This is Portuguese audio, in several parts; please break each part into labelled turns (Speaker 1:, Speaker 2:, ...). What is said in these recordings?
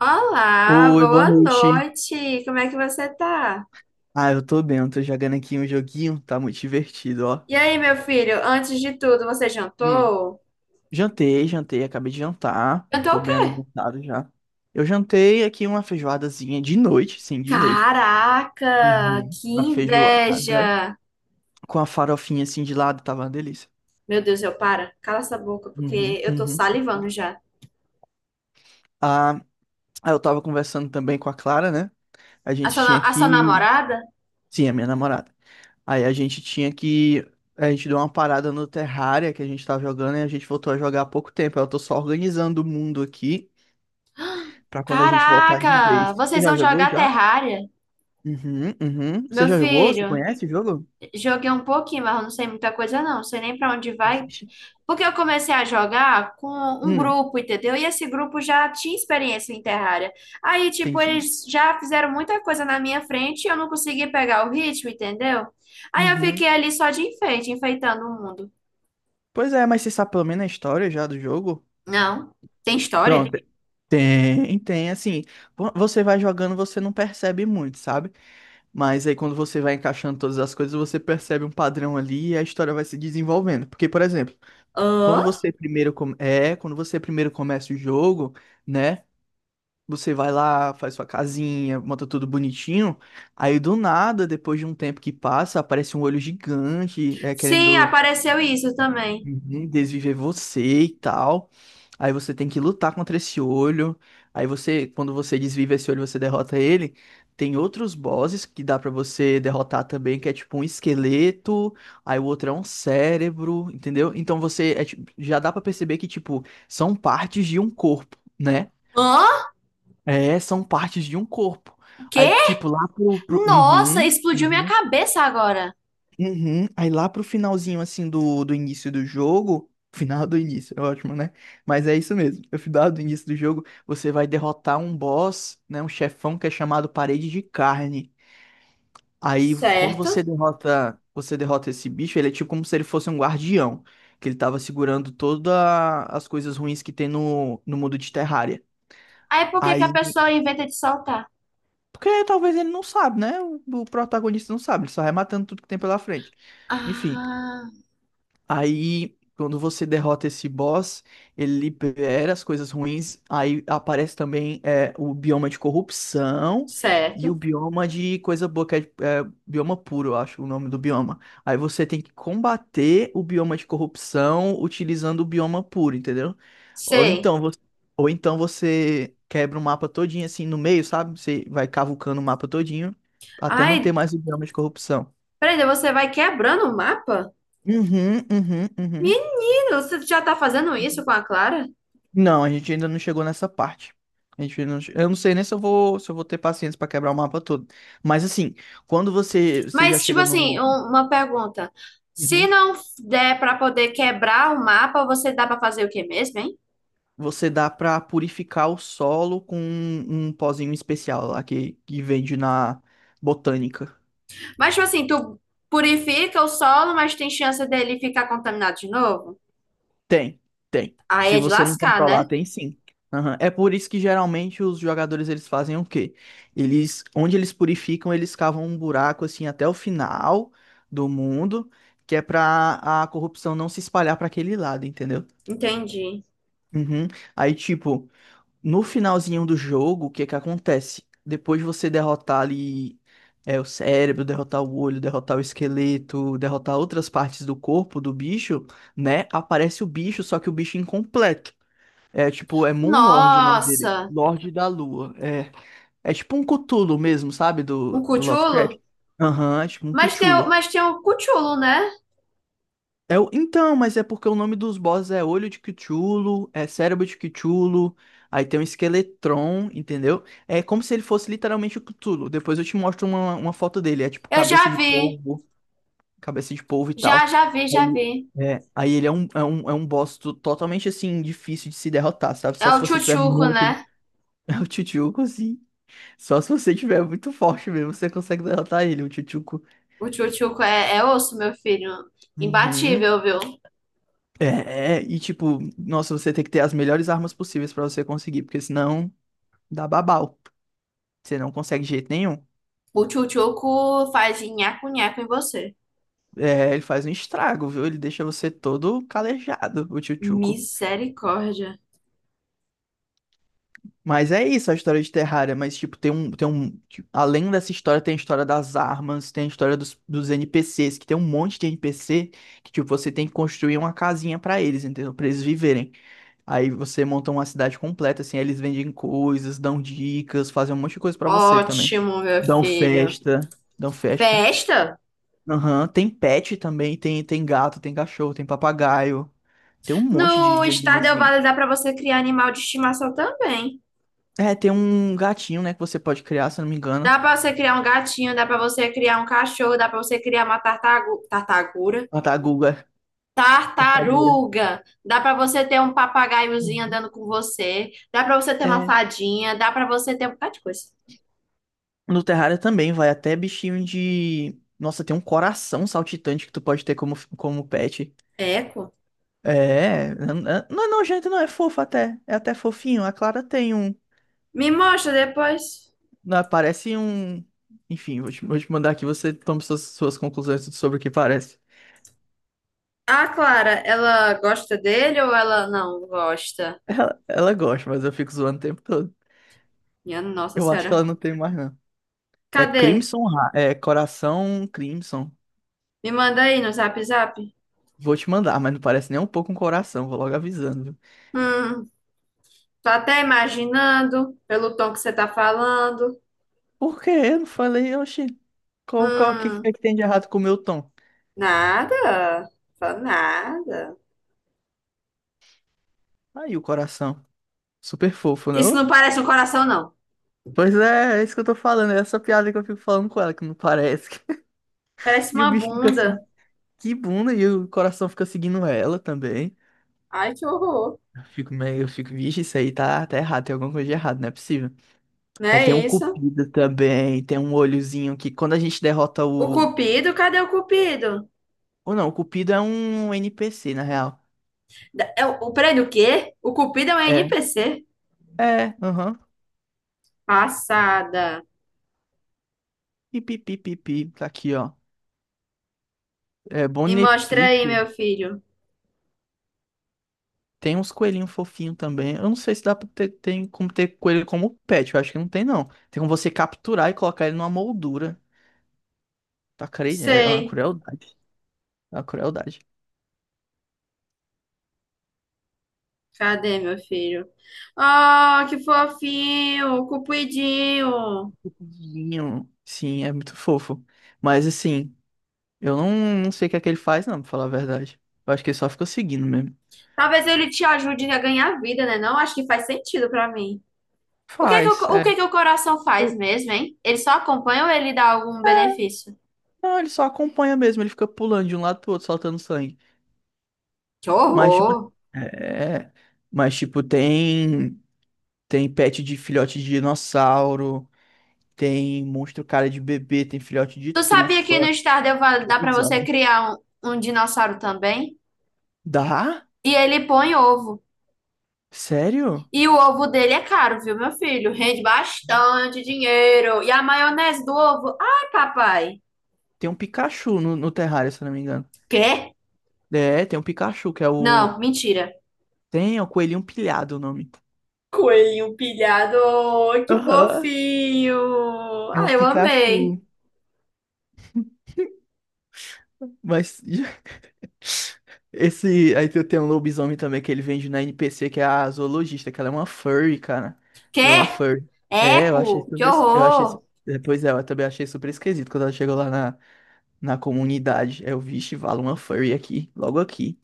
Speaker 1: Olá,
Speaker 2: Oi, boa
Speaker 1: boa
Speaker 2: noite.
Speaker 1: noite. Como é que você tá?
Speaker 2: Eu tô bem, eu tô jogando aqui um joguinho, tá muito divertido, ó.
Speaker 1: E aí, meu filho, antes de tudo, você
Speaker 2: Hum.
Speaker 1: jantou?
Speaker 2: Jantei, jantei, acabei de jantar,
Speaker 1: Jantou
Speaker 2: tô
Speaker 1: o
Speaker 2: bem
Speaker 1: quê?
Speaker 2: alimentado já. Eu jantei aqui uma feijoadazinha de noite, sim, de noite.
Speaker 1: Caraca,
Speaker 2: Uhum.
Speaker 1: que
Speaker 2: Uma feijoada
Speaker 1: inveja!
Speaker 2: com a farofinha assim de lado, tava uma delícia.
Speaker 1: Meu Deus, eu para. Cala essa boca, porque
Speaker 2: Uhum,
Speaker 1: eu tô
Speaker 2: uhum.
Speaker 1: salivando já.
Speaker 2: Ah, eu tava conversando também com a Clara, né? A
Speaker 1: A
Speaker 2: gente
Speaker 1: sua,
Speaker 2: tinha
Speaker 1: a sua
Speaker 2: que
Speaker 1: namorada?
Speaker 2: Sim, a minha namorada. Aí a gente tinha que. A gente deu uma parada no Terraria que a gente tava jogando e a gente voltou a jogar há pouco tempo. Eu tô só organizando o mundo aqui pra quando a gente voltar de
Speaker 1: Caraca,
Speaker 2: vez. Você
Speaker 1: vocês
Speaker 2: já
Speaker 1: vão
Speaker 2: jogou
Speaker 1: jogar
Speaker 2: já?
Speaker 1: Terraria?
Speaker 2: Uhum, uhum. Você
Speaker 1: Meu
Speaker 2: já jogou? Você
Speaker 1: filho,
Speaker 2: conhece o jogo?
Speaker 1: joguei um pouquinho, mas eu não sei muita coisa não. Não sei nem pra onde vai,
Speaker 2: Existe?
Speaker 1: porque eu comecei a jogar com um
Speaker 2: Hum,
Speaker 1: grupo, entendeu? E esse grupo já tinha experiência em Terraria. Aí, tipo,
Speaker 2: entendi.
Speaker 1: eles já fizeram muita coisa na minha frente e eu não consegui pegar o ritmo, entendeu? Aí eu fiquei
Speaker 2: Uhum.
Speaker 1: ali só de enfeite, enfeitando o mundo.
Speaker 2: Pois é, mas você sabe pelo menos a história já do jogo?
Speaker 1: Não, tem história?
Speaker 2: Pronto. Tem, tem, assim. Você vai jogando, você não percebe muito, sabe? Mas aí quando você vai encaixando todas as coisas, você percebe um padrão ali e a história vai se desenvolvendo. Porque, por exemplo, quando
Speaker 1: Hã?
Speaker 2: você quando você primeiro começa o jogo, né? Você vai lá, faz sua casinha, monta tudo bonitinho. Aí do nada, depois de um tempo que passa, aparece um olho gigante,
Speaker 1: Sim,
Speaker 2: querendo
Speaker 1: apareceu isso também.
Speaker 2: uhum, desviver você e tal. Aí você tem que lutar contra esse olho. Quando você desvive esse olho, você derrota ele. Tem outros bosses que dá pra você derrotar também, que é tipo um esqueleto, aí o outro é um cérebro, entendeu? Então já dá pra perceber que tipo são partes de um corpo, né?
Speaker 1: Hã?
Speaker 2: É, são partes de um corpo.
Speaker 1: O
Speaker 2: Aí
Speaker 1: quê?
Speaker 2: tipo lá pro...
Speaker 1: Nossa,
Speaker 2: Uhum,
Speaker 1: explodiu minha
Speaker 2: uhum.
Speaker 1: cabeça agora.
Speaker 2: Uhum. Aí lá pro finalzinho, assim, do início do jogo. Final do início, é ótimo, né? Mas é isso mesmo. No final do início do jogo, você vai derrotar um boss, né? Um chefão que é chamado Parede de Carne. Aí,
Speaker 1: Certo.
Speaker 2: você derrota esse bicho, ele é tipo como se ele fosse um guardião. Que ele tava segurando todas as coisas ruins que tem no mundo de Terraria.
Speaker 1: Aí por que que a
Speaker 2: Aí.
Speaker 1: pessoa inventa de soltar?
Speaker 2: Porque talvez ele não sabe, né? O protagonista não sabe, ele só vai matando tudo que tem pela frente. Enfim.
Speaker 1: Ah,
Speaker 2: Aí, quando você derrota esse boss, ele libera as coisas ruins. Aí aparece também o bioma de corrupção e o
Speaker 1: certo.
Speaker 2: bioma de coisa boa, que bioma puro, eu acho o nome do bioma. Aí você tem que combater o bioma de corrupção utilizando o bioma puro, entendeu? Ou
Speaker 1: Sei.
Speaker 2: então você, ou então você quebra o mapa todinho assim no meio, sabe? Você vai cavucando o mapa todinho até não ter
Speaker 1: Ai,
Speaker 2: mais o bioma de corrupção.
Speaker 1: peraí, você vai quebrando o mapa?
Speaker 2: Uhum, uhum, uhum.
Speaker 1: Menino, você já tá fazendo isso com a Clara?
Speaker 2: Não, a gente ainda não chegou nessa parte. A gente ainda não... che- Eu não sei nem se eu se eu vou ter paciência pra quebrar o mapa todo. Mas assim, quando você já
Speaker 1: Mas, tipo
Speaker 2: chega
Speaker 1: assim,
Speaker 2: no.
Speaker 1: uma pergunta. Se
Speaker 2: Uhum.
Speaker 1: não der pra poder quebrar o mapa, você dá pra fazer o que mesmo, hein?
Speaker 2: Você dá pra purificar o solo com um pozinho especial lá que vende na botânica.
Speaker 1: Mas, tipo assim, tu purifica o solo, mas tem chance dele ficar contaminado de novo?
Speaker 2: Tem, tem.
Speaker 1: Aí
Speaker 2: Se
Speaker 1: é de
Speaker 2: você não
Speaker 1: lascar, né?
Speaker 2: controlar, tem sim. Aham. É por isso que geralmente os jogadores eles fazem o quê? Eles, onde eles purificam, eles cavam um buraco assim até o final do mundo, que é pra a corrupção não se espalhar pra aquele lado, entendeu?
Speaker 1: Entendi.
Speaker 2: Uhum. Aí, tipo, no finalzinho do jogo, o que que acontece? Depois de você derrotar ali o cérebro, derrotar o olho, derrotar o esqueleto, derrotar outras partes do corpo do bicho, né? Aparece o bicho, só que o bicho incompleto. É Moon Lord o nome dele.
Speaker 1: Nossa,
Speaker 2: Lorde da Lua. É, é tipo um Cthulhu mesmo, sabe?
Speaker 1: um
Speaker 2: Do Lovecraft.
Speaker 1: cutulo?
Speaker 2: Aham, é tipo um
Speaker 1: Mas tem,
Speaker 2: Cthulhu.
Speaker 1: mas tem um cutulo, né?
Speaker 2: É o... Então, mas é porque o nome dos bosses é Olho de Cthulhu, é Cérebro de Cthulhu, aí tem um Esqueletron, entendeu? É como se ele fosse literalmente o Cthulhu. Depois eu te mostro uma foto dele, é tipo
Speaker 1: Eu já vi,
Speaker 2: cabeça de polvo e
Speaker 1: já,
Speaker 2: tal.
Speaker 1: já
Speaker 2: Aí,
Speaker 1: vi.
Speaker 2: é, aí ele é um, é um, é um boss totalmente assim, difícil de se derrotar, sabe?
Speaker 1: É
Speaker 2: Só se
Speaker 1: o
Speaker 2: você tiver
Speaker 1: tchutchuco,
Speaker 2: muito.
Speaker 1: né?
Speaker 2: É o Tchutchuco, sim. Só se você tiver muito forte mesmo, você consegue derrotar ele, o Tchutchuco.
Speaker 1: O tchutchuco é osso, meu filho.
Speaker 2: Uhum.
Speaker 1: Imbatível, viu?
Speaker 2: E tipo, nossa, você tem que ter as melhores armas possíveis pra você conseguir, porque senão dá babau. Você não consegue de jeito nenhum.
Speaker 1: O tchutchuco faz nhaco-nhaco em você.
Speaker 2: É, ele faz um estrago, viu? Ele deixa você todo calejado, o Tchutchuco.
Speaker 1: Misericórdia.
Speaker 2: Mas é isso a história de Terraria, mas tipo, tem um, tipo, além dessa história, tem a história das armas, tem a história dos NPCs, que tem um monte de NPC que tipo, você tem que construir uma casinha pra eles, entendeu? Pra eles viverem. Aí você monta uma cidade completa, assim, aí eles vendem coisas, dão dicas, fazem um monte de coisa pra você também.
Speaker 1: Ótimo, meu
Speaker 2: Dão
Speaker 1: filho.
Speaker 2: festa, dão festa.
Speaker 1: Festa?
Speaker 2: Aham, tem pet também, tem gato, tem cachorro, tem papagaio, tem um monte
Speaker 1: No
Speaker 2: de
Speaker 1: Stardew
Speaker 2: animalzinho.
Speaker 1: Valley dá pra você criar animal de estimação também.
Speaker 2: É, tem um gatinho, né, que você pode criar, se eu não me engano.
Speaker 1: Dá pra você criar um gatinho, dá pra você criar um cachorro, dá pra você criar uma tartagu... tartagura.
Speaker 2: Tartaguga, tartagura.
Speaker 1: Tartaruga. Dá pra você ter um papagaiozinho
Speaker 2: Uhum.
Speaker 1: andando com você. Dá pra você ter uma
Speaker 2: É,
Speaker 1: fadinha. Dá pra você ter um bocado de coisa.
Speaker 2: no Terraria também vai até bichinho de... Nossa, tem um coração saltitante que tu pode ter como, como pet.
Speaker 1: É,
Speaker 2: É, é, não é nojento, não, é fofo até. É até fofinho. A Clara tem um.
Speaker 1: me mostra depois.
Speaker 2: Não, parece um. Enfim, vou te mandar aqui, você toma suas, suas conclusões sobre o que parece.
Speaker 1: A Clara, ela gosta dele ou ela não gosta?
Speaker 2: Ela gosta, mas eu fico zoando o tempo todo.
Speaker 1: Minha Nossa
Speaker 2: Eu acho que
Speaker 1: Senhora.
Speaker 2: ela não tem mais, não. É
Speaker 1: Cadê?
Speaker 2: Crimson, é Coração Crimson.
Speaker 1: Me manda aí no Zap Zap.
Speaker 2: Vou te mandar, mas não parece nem um pouco um coração, vou logo avisando, viu?
Speaker 1: Hum, tô até imaginando pelo tom que você tá falando.
Speaker 2: Por quê? Eu não falei, oxi, que é
Speaker 1: Hum,
Speaker 2: que tem de errado com o meu tom?
Speaker 1: nada. Fala nada.
Speaker 2: Aí o coração. Super fofo,
Speaker 1: Isso
Speaker 2: não?
Speaker 1: não parece um coração, não.
Speaker 2: Pois é, é isso que eu tô falando, é essa piada que eu fico falando com ela, que não parece.
Speaker 1: Parece
Speaker 2: E o
Speaker 1: uma
Speaker 2: bicho fica
Speaker 1: bunda.
Speaker 2: assim, que bunda, e o coração fica seguindo ela também.
Speaker 1: Ai, que horror.
Speaker 2: Eu fico, vixe, isso aí tá errado, tem alguma coisa de errado, não é possível.
Speaker 1: Não
Speaker 2: Aí tem um
Speaker 1: é isso?
Speaker 2: cupido também, tem um olhozinho que quando a gente derrota
Speaker 1: O
Speaker 2: o.
Speaker 1: Cupido? Cadê o Cupido?
Speaker 2: Ou não, o cupido é um NPC, na real.
Speaker 1: É peraí, do quê? O Cupido é um
Speaker 2: É,
Speaker 1: NPC?
Speaker 2: aham.
Speaker 1: Passada.
Speaker 2: Pipi, pipi, pipi, tá aqui, ó. É,
Speaker 1: E mostra aí,
Speaker 2: Bonepic,
Speaker 1: meu filho.
Speaker 2: tem uns coelhinhos fofinhos também. Eu não sei se dá pra ter, tem como ter coelho como pet. Eu acho que não tem, não. Tem como você capturar e colocar ele numa moldura. Tá cre... É uma
Speaker 1: Sei.
Speaker 2: crueldade. É uma crueldade.
Speaker 1: Cadê, meu filho? Oh, que fofinho, cupidinho.
Speaker 2: Fofinho. Sim, é muito fofo. Mas assim, eu não, não sei o que é que ele faz, não, pra falar a verdade. Eu acho que ele só fica seguindo mesmo.
Speaker 1: Talvez ele te ajude a ganhar vida, né? Não acho que faz sentido pra mim. O que é que
Speaker 2: Faz,
Speaker 1: o
Speaker 2: é.
Speaker 1: que é que o coração faz mesmo, hein? Ele só acompanha ou ele dá algum benefício?
Speaker 2: Não, ele só acompanha mesmo. Ele fica pulando de um lado pro outro, soltando sangue.
Speaker 1: Que
Speaker 2: Mas, tipo.
Speaker 1: horror.
Speaker 2: É. Mas, tipo, tem. Tem pet de filhote de dinossauro. Tem monstro cara de bebê, tem filhote de
Speaker 1: Tu sabia
Speaker 2: trufa,
Speaker 1: que no Stardew Valley dá pra você
Speaker 2: lobisomem.
Speaker 1: criar um dinossauro também?
Speaker 2: Dá?
Speaker 1: E ele põe ovo.
Speaker 2: Sério?
Speaker 1: E o ovo dele é caro, viu, meu filho? Rende bastante dinheiro. E a maionese do ovo? Ai, papai.
Speaker 2: Tem um Pikachu no terrário, se eu não me engano.
Speaker 1: Quê?
Speaker 2: É, tem um Pikachu, que é o.
Speaker 1: Não, mentira.
Speaker 2: Tem, é o coelhinho pilhado o nome.
Speaker 1: Coelhinho pilhado, oh, que
Speaker 2: Aham,
Speaker 1: fofinho.
Speaker 2: é um
Speaker 1: Ai, eu amei.
Speaker 2: Pikachu. Mas. Esse. Aí tem um lobisomem também que ele vende na NPC, que é a zoologista, que ela é uma furry, cara. Ela
Speaker 1: Quê?
Speaker 2: é uma furry. É, eu achei
Speaker 1: Eco, que
Speaker 2: super. Es- Eu achei. Su-
Speaker 1: horror.
Speaker 2: é, Pois é, eu também achei super esquisito quando ela chegou lá na comunidade. Eu, vixe, vale uma furry aqui, logo aqui.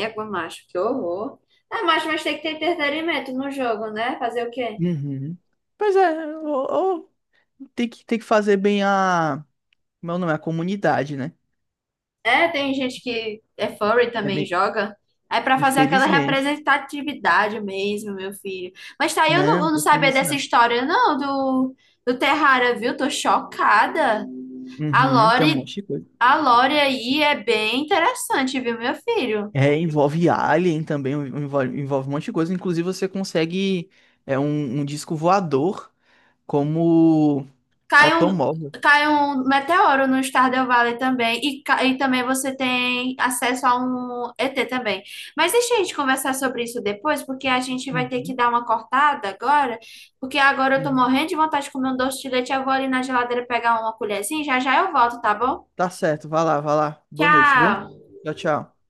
Speaker 1: Égua, macho, que horror. Ah, macho, mas tem que ter entretenimento no jogo, né? Fazer o quê?
Speaker 2: Uhum. Pois é, ou tem que fazer bem a. Meu nome é a comunidade, né?
Speaker 1: É, tem gente que é furry
Speaker 2: É
Speaker 1: também
Speaker 2: me-
Speaker 1: joga. É pra fazer aquela
Speaker 2: Infelizmente.
Speaker 1: representatividade mesmo, meu filho. Mas tá aí,
Speaker 2: Não,
Speaker 1: eu
Speaker 2: não
Speaker 1: não
Speaker 2: tô feliz
Speaker 1: sabia
Speaker 2: nisso,
Speaker 1: dessa
Speaker 2: não.
Speaker 1: história, não, do, do Terrara, viu? Tô chocada. A
Speaker 2: Uhum, tem um
Speaker 1: Lore,
Speaker 2: monte de coisa.
Speaker 1: a Lore aí é bem interessante, viu, meu filho?
Speaker 2: É, envolve Alien também, envolve um monte de coisa. Inclusive, você consegue um disco voador como
Speaker 1: Cai um,
Speaker 2: automóvel.
Speaker 1: cai um meteoro no Stardew Valley também, e também você tem acesso a um ET também. Mas deixa a gente conversar sobre isso depois, porque a gente vai ter que
Speaker 2: Uhum,
Speaker 1: dar uma cortada agora, porque agora eu tô
Speaker 2: uhum.
Speaker 1: morrendo de vontade de comer um doce de leite, eu vou ali na geladeira pegar uma colherzinha, já já eu volto, tá bom?
Speaker 2: Tá certo, vai lá, vai lá. Boa noite, viu?
Speaker 1: Tchau!
Speaker 2: Tchau, tchau.